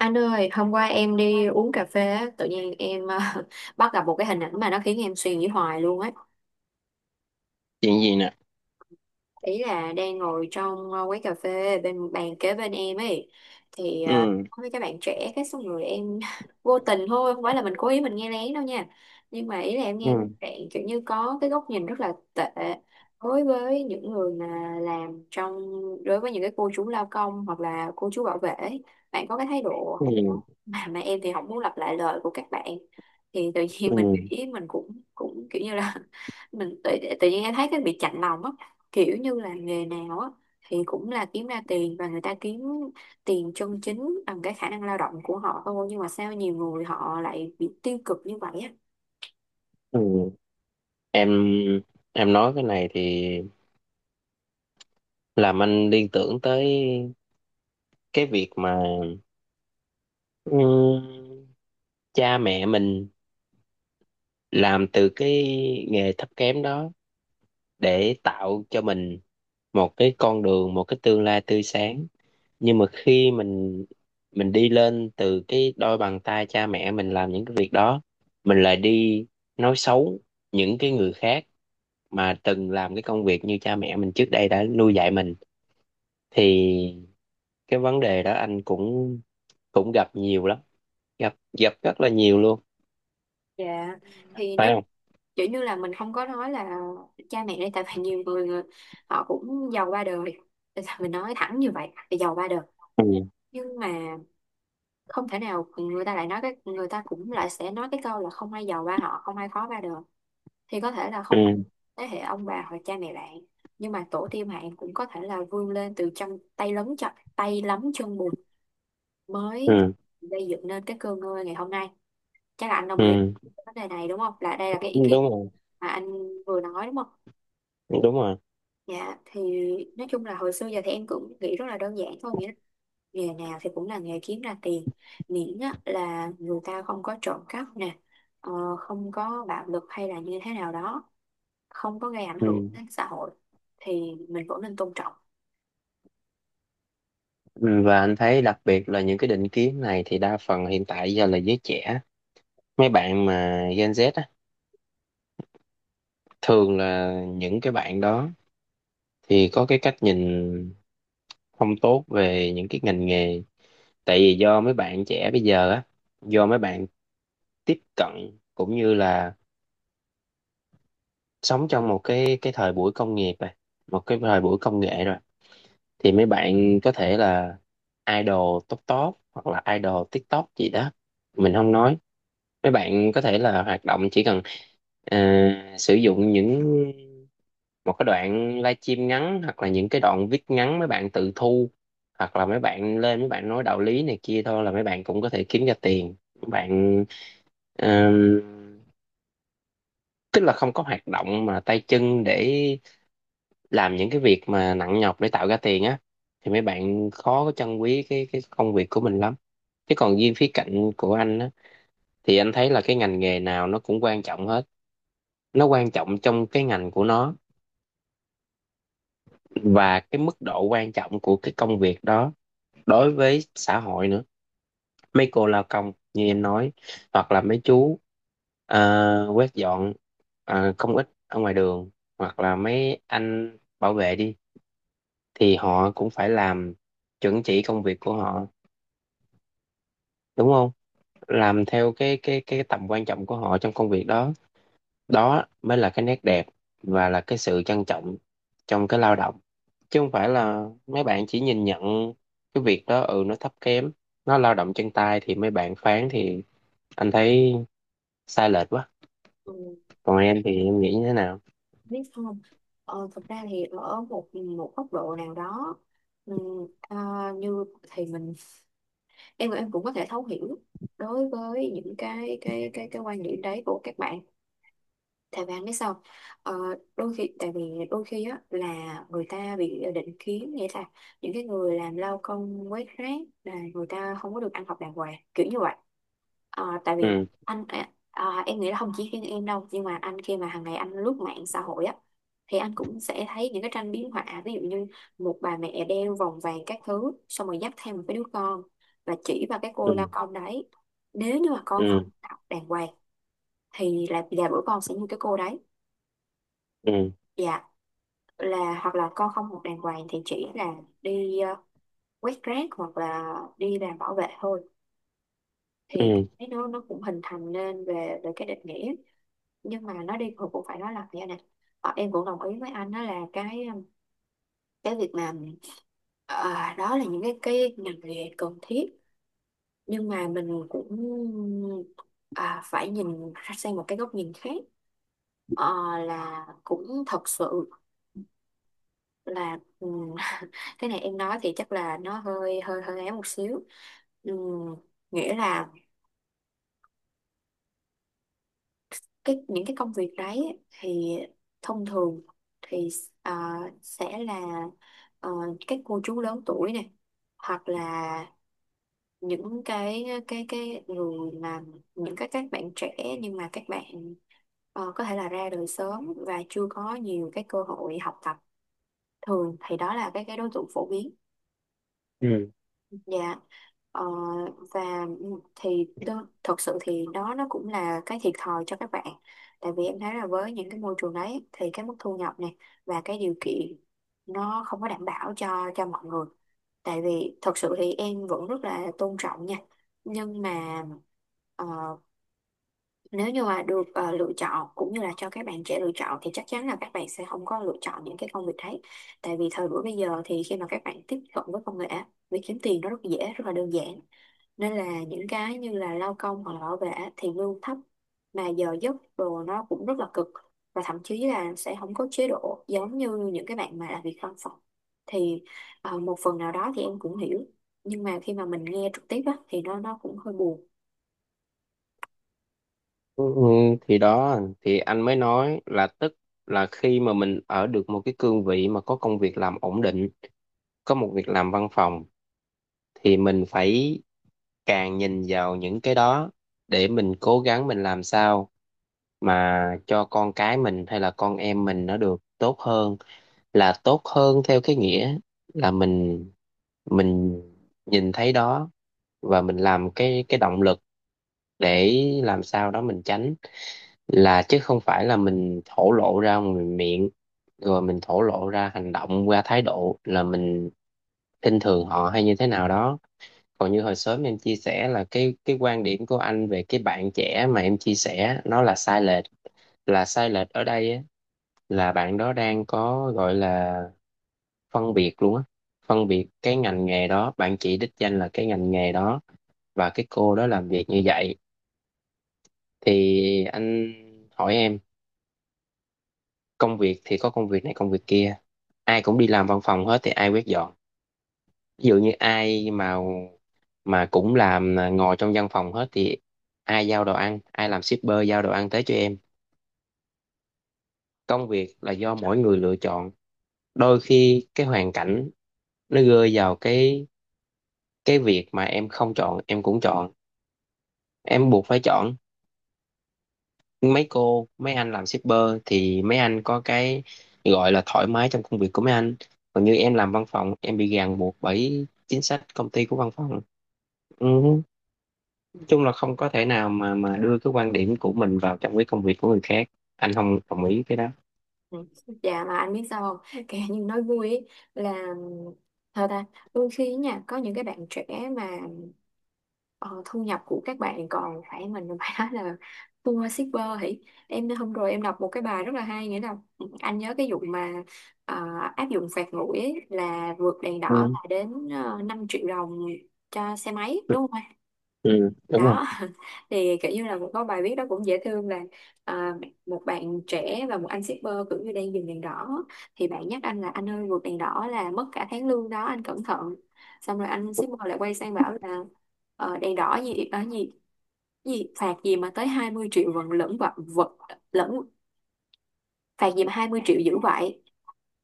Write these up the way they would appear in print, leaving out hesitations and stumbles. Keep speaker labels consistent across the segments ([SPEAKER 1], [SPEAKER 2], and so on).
[SPEAKER 1] Anh ơi, hôm qua em đi uống cà phê á, tự nhiên em bắt gặp một cái hình ảnh mà nó khiến em suy nghĩ hoài luôn ấy.
[SPEAKER 2] Chuyện gì nè?
[SPEAKER 1] Ý là đang ngồi trong quán cà phê bên bàn kế bên em ấy thì
[SPEAKER 2] Ừ.
[SPEAKER 1] có mấy các bạn trẻ cái xong rồi em vô tình thôi, không phải là mình cố ý mình nghe lén đâu nha, nhưng mà ý là em nghe
[SPEAKER 2] Ừ.
[SPEAKER 1] bạn kiểu như có cái góc nhìn rất là tệ đối với những người mà làm trong, đối với những cái cô chú lao công hoặc là cô chú bảo vệ ấy. Bạn có cái thái độ
[SPEAKER 2] Ừ.
[SPEAKER 1] không tốt, mà em thì không muốn lặp lại lời của các bạn. Thì tự nhiên mình
[SPEAKER 2] Ừ.
[SPEAKER 1] ý mình cũng cũng kiểu như là mình tự, tự nhiên em thấy cái bị chạnh lòng á, kiểu như là nghề nào á thì cũng là kiếm ra tiền, và người ta kiếm tiền chân chính bằng cái khả năng lao động của họ thôi, nhưng mà sao nhiều người họ lại bị tiêu cực như vậy á.
[SPEAKER 2] Ừ. em em nói cái này thì làm anh liên tưởng tới cái việc mà ừ, cha mẹ mình làm từ cái nghề thấp kém đó để tạo cho mình một cái con đường, một cái tương lai tươi sáng. Nhưng mà khi mình đi lên từ cái đôi bàn tay cha mẹ mình làm những cái việc đó, mình lại đi nói xấu những cái người khác mà từng làm cái công việc như cha mẹ mình trước đây đã nuôi dạy mình, thì cái vấn đề đó anh cũng cũng gặp nhiều lắm. Gặp gặp rất là nhiều luôn.
[SPEAKER 1] Dạ thì nó
[SPEAKER 2] Phải không?
[SPEAKER 1] kiểu như là mình không có nói là cha mẹ đây, tại vì nhiều người họ cũng giàu ba đời. Tại sao mình nói thẳng như vậy là giàu ba đời?
[SPEAKER 2] Ừ.
[SPEAKER 1] Nhưng mà không thể nào người ta lại nói cái, người ta cũng lại sẽ nói cái câu là không ai giàu ba họ, không ai khó ba đời. Thì có thể là không phải
[SPEAKER 2] Ừ.
[SPEAKER 1] thế hệ ông bà hoặc cha mẹ bạn, nhưng mà tổ tiên bạn cũng có thể là vươn lên từ chân tay lấm, chân tay lấm chân bùn mới
[SPEAKER 2] Ừ.
[SPEAKER 1] gây dựng nên cái cơ ngơi ngày hôm nay. Chắc là anh đồng ý
[SPEAKER 2] Ừ.
[SPEAKER 1] với vấn đề này đúng không, là đây là cái ý
[SPEAKER 2] Đúng
[SPEAKER 1] kiến
[SPEAKER 2] rồi.
[SPEAKER 1] mà anh vừa nói đúng không?
[SPEAKER 2] Đúng rồi.
[SPEAKER 1] Dạ thì nói chung là hồi xưa giờ thì em cũng nghĩ rất là đơn giản thôi, nghĩa là nghề nào thì cũng là nghề kiếm ra tiền, miễn á, là người ta không có trộm cắp nè, ờ, không có bạo lực hay là như thế nào đó, không có gây ảnh hưởng
[SPEAKER 2] Ừ.
[SPEAKER 1] đến xã hội, thì mình vẫn nên tôn trọng.
[SPEAKER 2] Ừ, và anh thấy đặc biệt là những cái định kiến này thì đa phần hiện tại giờ là giới trẻ, mấy bạn mà Gen Z á, thường là những cái bạn đó thì có cái cách nhìn không tốt về những cái ngành nghề. Tại vì do mấy bạn trẻ bây giờ á, do mấy bạn tiếp cận cũng như là sống trong một cái thời buổi công nghiệp rồi, một cái thời buổi công nghệ rồi, thì mấy bạn có thể là idol top top hoặc là idol TikTok gì đó, mình không nói. Mấy bạn có thể là hoạt động, chỉ cần ờ, sử dụng những một cái đoạn livestream ngắn hoặc là những cái đoạn viết ngắn mấy bạn tự thu, hoặc là mấy bạn lên mấy bạn nói đạo lý này kia thôi là mấy bạn cũng có thể kiếm ra tiền. Mấy bạn ờ, tức là không có hoạt động mà tay chân để làm những cái việc mà nặng nhọc để tạo ra tiền á, thì mấy bạn khó có trân quý cái công việc của mình lắm. Chứ còn riêng khía cạnh của anh á, thì anh thấy là cái ngành nghề nào nó cũng quan trọng hết, nó quan trọng trong cái ngành của nó, và cái mức độ quan trọng của cái công việc đó đối với xã hội nữa. Mấy cô lao công như em nói, hoặc là mấy chú quét dọn công ích ở ngoài đường, hoặc là mấy anh bảo vệ đi, thì họ cũng phải làm chuẩn chỉ công việc của họ, đúng không? Làm theo cái tầm quan trọng của họ trong công việc đó, đó mới là cái nét đẹp và là cái sự trân trọng trong cái lao động. Chứ không phải là mấy bạn chỉ nhìn nhận cái việc đó ừ nó thấp kém, nó lao động chân tay thì mấy bạn phán, thì anh thấy sai lệch quá.
[SPEAKER 1] Ừ,
[SPEAKER 2] Còn em thì em nghĩ như thế nào?
[SPEAKER 1] biết không, thực ra thì ở một một góc độ nào đó, ừ, à, như thì mình, em cũng có thể thấu hiểu đối với những cái quan điểm đấy của các bạn. Thầy Vàng biết sao? ờ, đôi khi, tại vì đôi khi á là người ta bị định kiến, nghĩa là những cái người làm lao công quét rác là người ta không có được ăn học đàng hoàng kiểu như vậy. Tại vì
[SPEAKER 2] Ừ.
[SPEAKER 1] anh em nghĩ là không chỉ riêng em đâu, nhưng mà anh, khi mà hàng ngày anh lướt mạng xã hội á, thì anh cũng sẽ thấy những cái tranh biếm họa, ví dụ như một bà mẹ đeo vòng vàng các thứ xong rồi dắt theo một cái đứa con và chỉ vào cái cô lao
[SPEAKER 2] Ừ.
[SPEAKER 1] công đấy: nếu như mà con không
[SPEAKER 2] Ừ.
[SPEAKER 1] học đàng hoàng thì là bữa con sẽ như cái cô đấy.
[SPEAKER 2] Ừ.
[SPEAKER 1] Dạ, là hoặc là con không học đàng hoàng thì chỉ là đi quét rác hoặc là đi làm bảo vệ thôi. Thì
[SPEAKER 2] Ừ.
[SPEAKER 1] cái, nó cũng hình thành nên về về cái định nghĩa, nhưng mà nó đi hồi cũng phải nói là như này. Em cũng đồng ý với anh, đó là cái, cái việc mà, đó là những cái ngành nghề cần thiết, nhưng mà mình cũng, phải nhìn ra sang một cái góc nhìn khác. Ờ, là cũng thật sự là, cái này em nói thì chắc là nó hơi hơi hơi ấy một xíu. Ừm, Nghĩa là cái những cái công việc đấy ấy, thì thông thường thì, ờ, sẽ là, ờ, các cô chú lớn tuổi này, hoặc là những cái người mà những cái các bạn trẻ nhưng mà các bạn, có thể là ra đời sớm và chưa có nhiều cái cơ hội học tập, thường thì đó là cái đối tượng phổ biến.
[SPEAKER 2] Ừ.
[SPEAKER 1] Dạ, ờ, và thì thật sự thì đó, nó cũng là cái thiệt thòi cho các bạn. Tại vì em thấy là với những cái môi trường đấy thì cái mức thu nhập này và cái điều kiện nó không có đảm bảo cho mọi người. Tại vì thật sự thì em vẫn rất là tôn trọng nha. Nhưng mà, ờ, nếu như mà được, lựa chọn cũng như là cho các bạn trẻ lựa chọn, thì chắc chắn là các bạn sẽ không có lựa chọn những cái công việc đấy, tại vì thời buổi bây giờ thì khi mà các bạn tiếp cận với công nghệ, việc kiếm tiền nó rất dễ, rất là đơn giản, nên là những cái như là lao công hoặc là bảo vệ thì lương thấp mà giờ giấc đồ nó cũng rất là cực, và thậm chí là sẽ không có chế độ giống như những cái bạn mà làm việc văn phòng. Thì, một phần nào đó thì em cũng hiểu, nhưng mà khi mà mình nghe trực tiếp á, thì nó cũng hơi buồn.
[SPEAKER 2] Ừ, ừ, thì đó thì anh mới nói là tức là khi mà mình ở được một cái cương vị mà có công việc làm ổn định, có một việc làm văn phòng, thì mình phải càng nhìn vào những cái đó để mình cố gắng, mình làm sao mà cho con cái mình hay là con em mình nó được tốt hơn. Là tốt hơn theo cái nghĩa là mình nhìn thấy đó và mình làm cái động lực để làm sao đó mình tránh, là chứ không phải là mình thổ lộ ra ngoài miệng rồi mình thổ lộ ra hành động qua thái độ là mình khinh thường họ hay như thế nào đó. Còn như hồi sớm em chia sẻ là cái quan điểm của anh về cái bạn trẻ mà em chia sẻ nó là sai lệch. Là sai lệch ở đây á, là bạn đó đang có gọi là phân biệt luôn á, phân biệt cái ngành nghề đó, bạn chỉ đích danh là cái ngành nghề đó và cái cô đó làm việc như vậy. Thì anh hỏi em, công việc thì có công việc này công việc kia, ai cũng đi làm văn phòng hết thì ai quét dọn? Ví dụ như ai mà cũng làm ngồi trong văn phòng hết thì ai giao đồ ăn, ai làm shipper giao đồ ăn tới cho em? Công việc là do mỗi người lựa chọn. Đôi khi cái hoàn cảnh nó rơi vào cái việc mà em không chọn em cũng chọn, em buộc phải chọn. Mấy cô mấy anh làm shipper thì mấy anh có cái gọi là thoải mái trong công việc của mấy anh, còn như em làm văn phòng em bị ràng buộc bởi chính sách công ty của văn phòng. Ừ. Chung là không có thể nào mà đưa cái quan điểm của mình vào trong cái công việc của người khác. Anh không đồng ý cái đó.
[SPEAKER 1] Ừ. Dạ mà anh biết sao không, kể như nói vui ý, là thật ta đôi khi nha có những cái bạn trẻ mà, ờ, thu nhập của các bạn còn phải, mình phải nói là thua shipper hỉ. Em hôm rồi em đọc một cái bài rất là hay, nghĩa là ừ, anh nhớ cái vụ mà, ờ, áp dụng phạt nguội ấy, là vượt đèn đỏ
[SPEAKER 2] Ừ.
[SPEAKER 1] là đến 5 triệu đồng cho xe máy đúng không?
[SPEAKER 2] Ừ, đúng rồi.
[SPEAKER 1] Đó, thì kiểu như là cũng có bài viết đó cũng dễ thương là, à, một bạn trẻ và một anh shipper kiểu như đang dừng đèn đỏ, thì bạn nhắc anh là anh ơi vượt đèn đỏ là mất cả tháng lương đó anh cẩn thận, xong rồi anh shipper lại quay sang bảo là, đèn đỏ gì ở gì, gì phạt gì mà tới 20 triệu vẫn lẫn vật vật lẫn, phạt gì mà 20 triệu dữ vậy.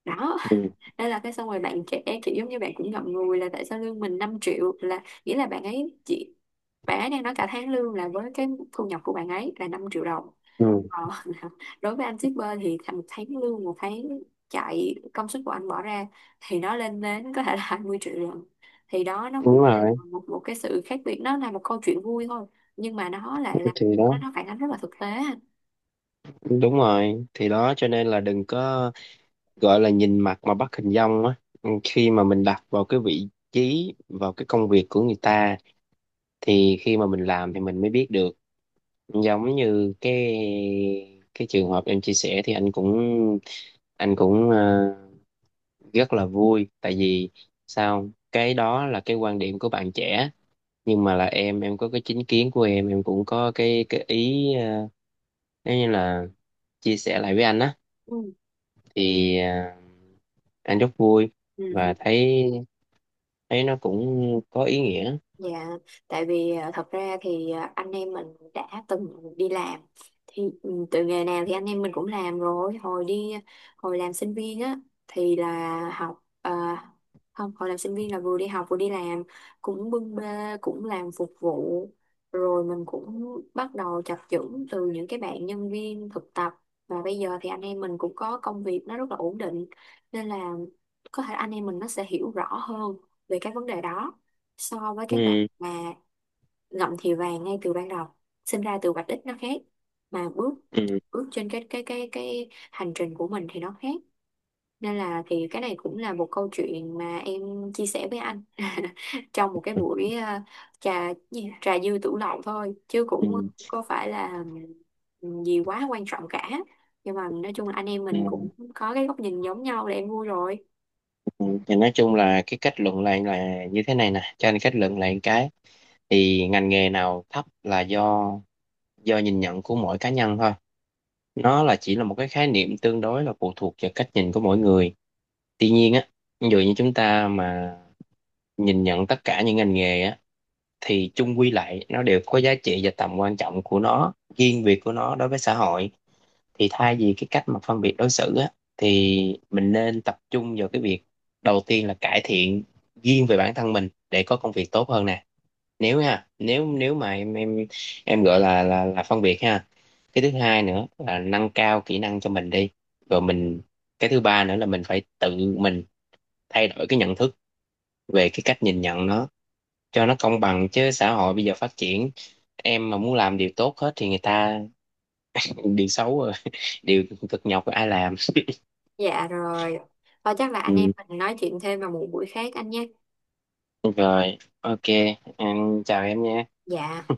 [SPEAKER 1] Đó.
[SPEAKER 2] Ừ.
[SPEAKER 1] Đây là cái, xong rồi bạn trẻ kiểu giống như bạn cũng ngậm ngùi là tại sao lương mình 5 triệu, là nghĩa là bạn ấy chỉ, bạn ấy đang nói cả tháng lương là với cái thu nhập của bạn ấy là 5 triệu đồng.
[SPEAKER 2] Ừ.
[SPEAKER 1] Ờ, đối với anh shipper thì một tháng lương, một tháng chạy công sức của anh bỏ ra thì nó lên đến có thể là 20 triệu lần, thì đó nó
[SPEAKER 2] Đúng
[SPEAKER 1] cũng
[SPEAKER 2] rồi,
[SPEAKER 1] là một một cái sự khác biệt. Nó là một câu chuyện vui thôi, nhưng mà nó lại là,
[SPEAKER 2] thì
[SPEAKER 1] nó
[SPEAKER 2] đó.
[SPEAKER 1] nó phản ánh rất là thực tế.
[SPEAKER 2] Cho nên là đừng có gọi là nhìn mặt mà bắt hình dong á. Ừ, khi mà mình đặt vào cái vị trí, vào cái công việc của người ta, thì khi mà mình làm thì mình mới biết được. Giống như cái trường hợp em chia sẻ thì anh cũng rất là vui. Tại vì sao không? Cái đó là cái quan điểm của bạn trẻ, nhưng mà là em có cái chính kiến của em cũng có cái ý nếu như là chia sẻ lại với anh á,
[SPEAKER 1] Ừ.
[SPEAKER 2] thì anh rất vui
[SPEAKER 1] Ừ.
[SPEAKER 2] và thấy thấy nó cũng có ý nghĩa.
[SPEAKER 1] Dạ, tại vì à, thật ra thì à, anh em mình đã từng đi làm thì ừ, từ nghề nào thì anh em mình cũng làm rồi, hồi đi, hồi làm sinh viên á thì là học à, không, hồi làm sinh viên là vừa đi học vừa đi làm, cũng bưng bê cũng làm phục vụ, rồi mình cũng bắt đầu chập chững từ những cái bạn nhân viên thực tập, và bây giờ thì anh em mình cũng có công việc nó rất là ổn định, nên là có thể anh em mình nó sẽ hiểu rõ hơn về cái vấn đề đó so với các bạn
[SPEAKER 2] Ừ,
[SPEAKER 1] mà ngậm thì vàng ngay từ ban đầu. Sinh ra từ vạch đích nó khác, mà bước
[SPEAKER 2] ừ,
[SPEAKER 1] bước trên cái hành trình của mình thì nó khác. Nên là thì cái này cũng là một câu chuyện mà em chia sẻ với anh trong một cái
[SPEAKER 2] ừ,
[SPEAKER 1] buổi, trà gì? Trà dư tửu lậu thôi chứ
[SPEAKER 2] ừ,
[SPEAKER 1] cũng có phải là gì quá quan trọng cả, nhưng mà nói chung là anh em mình
[SPEAKER 2] ừ.
[SPEAKER 1] cũng có cái góc nhìn giống nhau là em vui rồi.
[SPEAKER 2] Ừ, thì nói chung là cái kết luận lại là như thế này nè, cho anh kết luận lại một cái. Thì ngành nghề nào thấp là do nhìn nhận của mỗi cá nhân thôi. Nó là chỉ là một cái khái niệm tương đối, là phụ thuộc vào cách nhìn của mỗi người. Tuy nhiên á, ví dụ như chúng ta mà nhìn nhận tất cả những ngành nghề á, thì chung quy lại nó đều có giá trị và tầm quan trọng của nó, riêng biệt của nó đối với xã hội. Thì thay vì cái cách mà phân biệt đối xử á, thì mình nên tập trung vào cái việc đầu tiên là cải thiện riêng về bản thân mình để có công việc tốt hơn nè. Nếu nha, nếu nếu mà em gọi là phân biệt ha. Cái thứ hai nữa là nâng cao kỹ năng cho mình đi rồi mình. Cái thứ ba nữa là mình phải tự mình thay đổi cái nhận thức về cái cách nhìn nhận nó cho nó công bằng. Chứ xã hội bây giờ phát triển, em mà muốn làm điều tốt hết thì người ta điều xấu rồi điều cực nhọc ai làm
[SPEAKER 1] Dạ rồi, và chắc là anh em
[SPEAKER 2] ừ.
[SPEAKER 1] mình nói chuyện thêm vào một buổi khác anh nhé.
[SPEAKER 2] Rồi OK, anh chào em nha.
[SPEAKER 1] Dạ.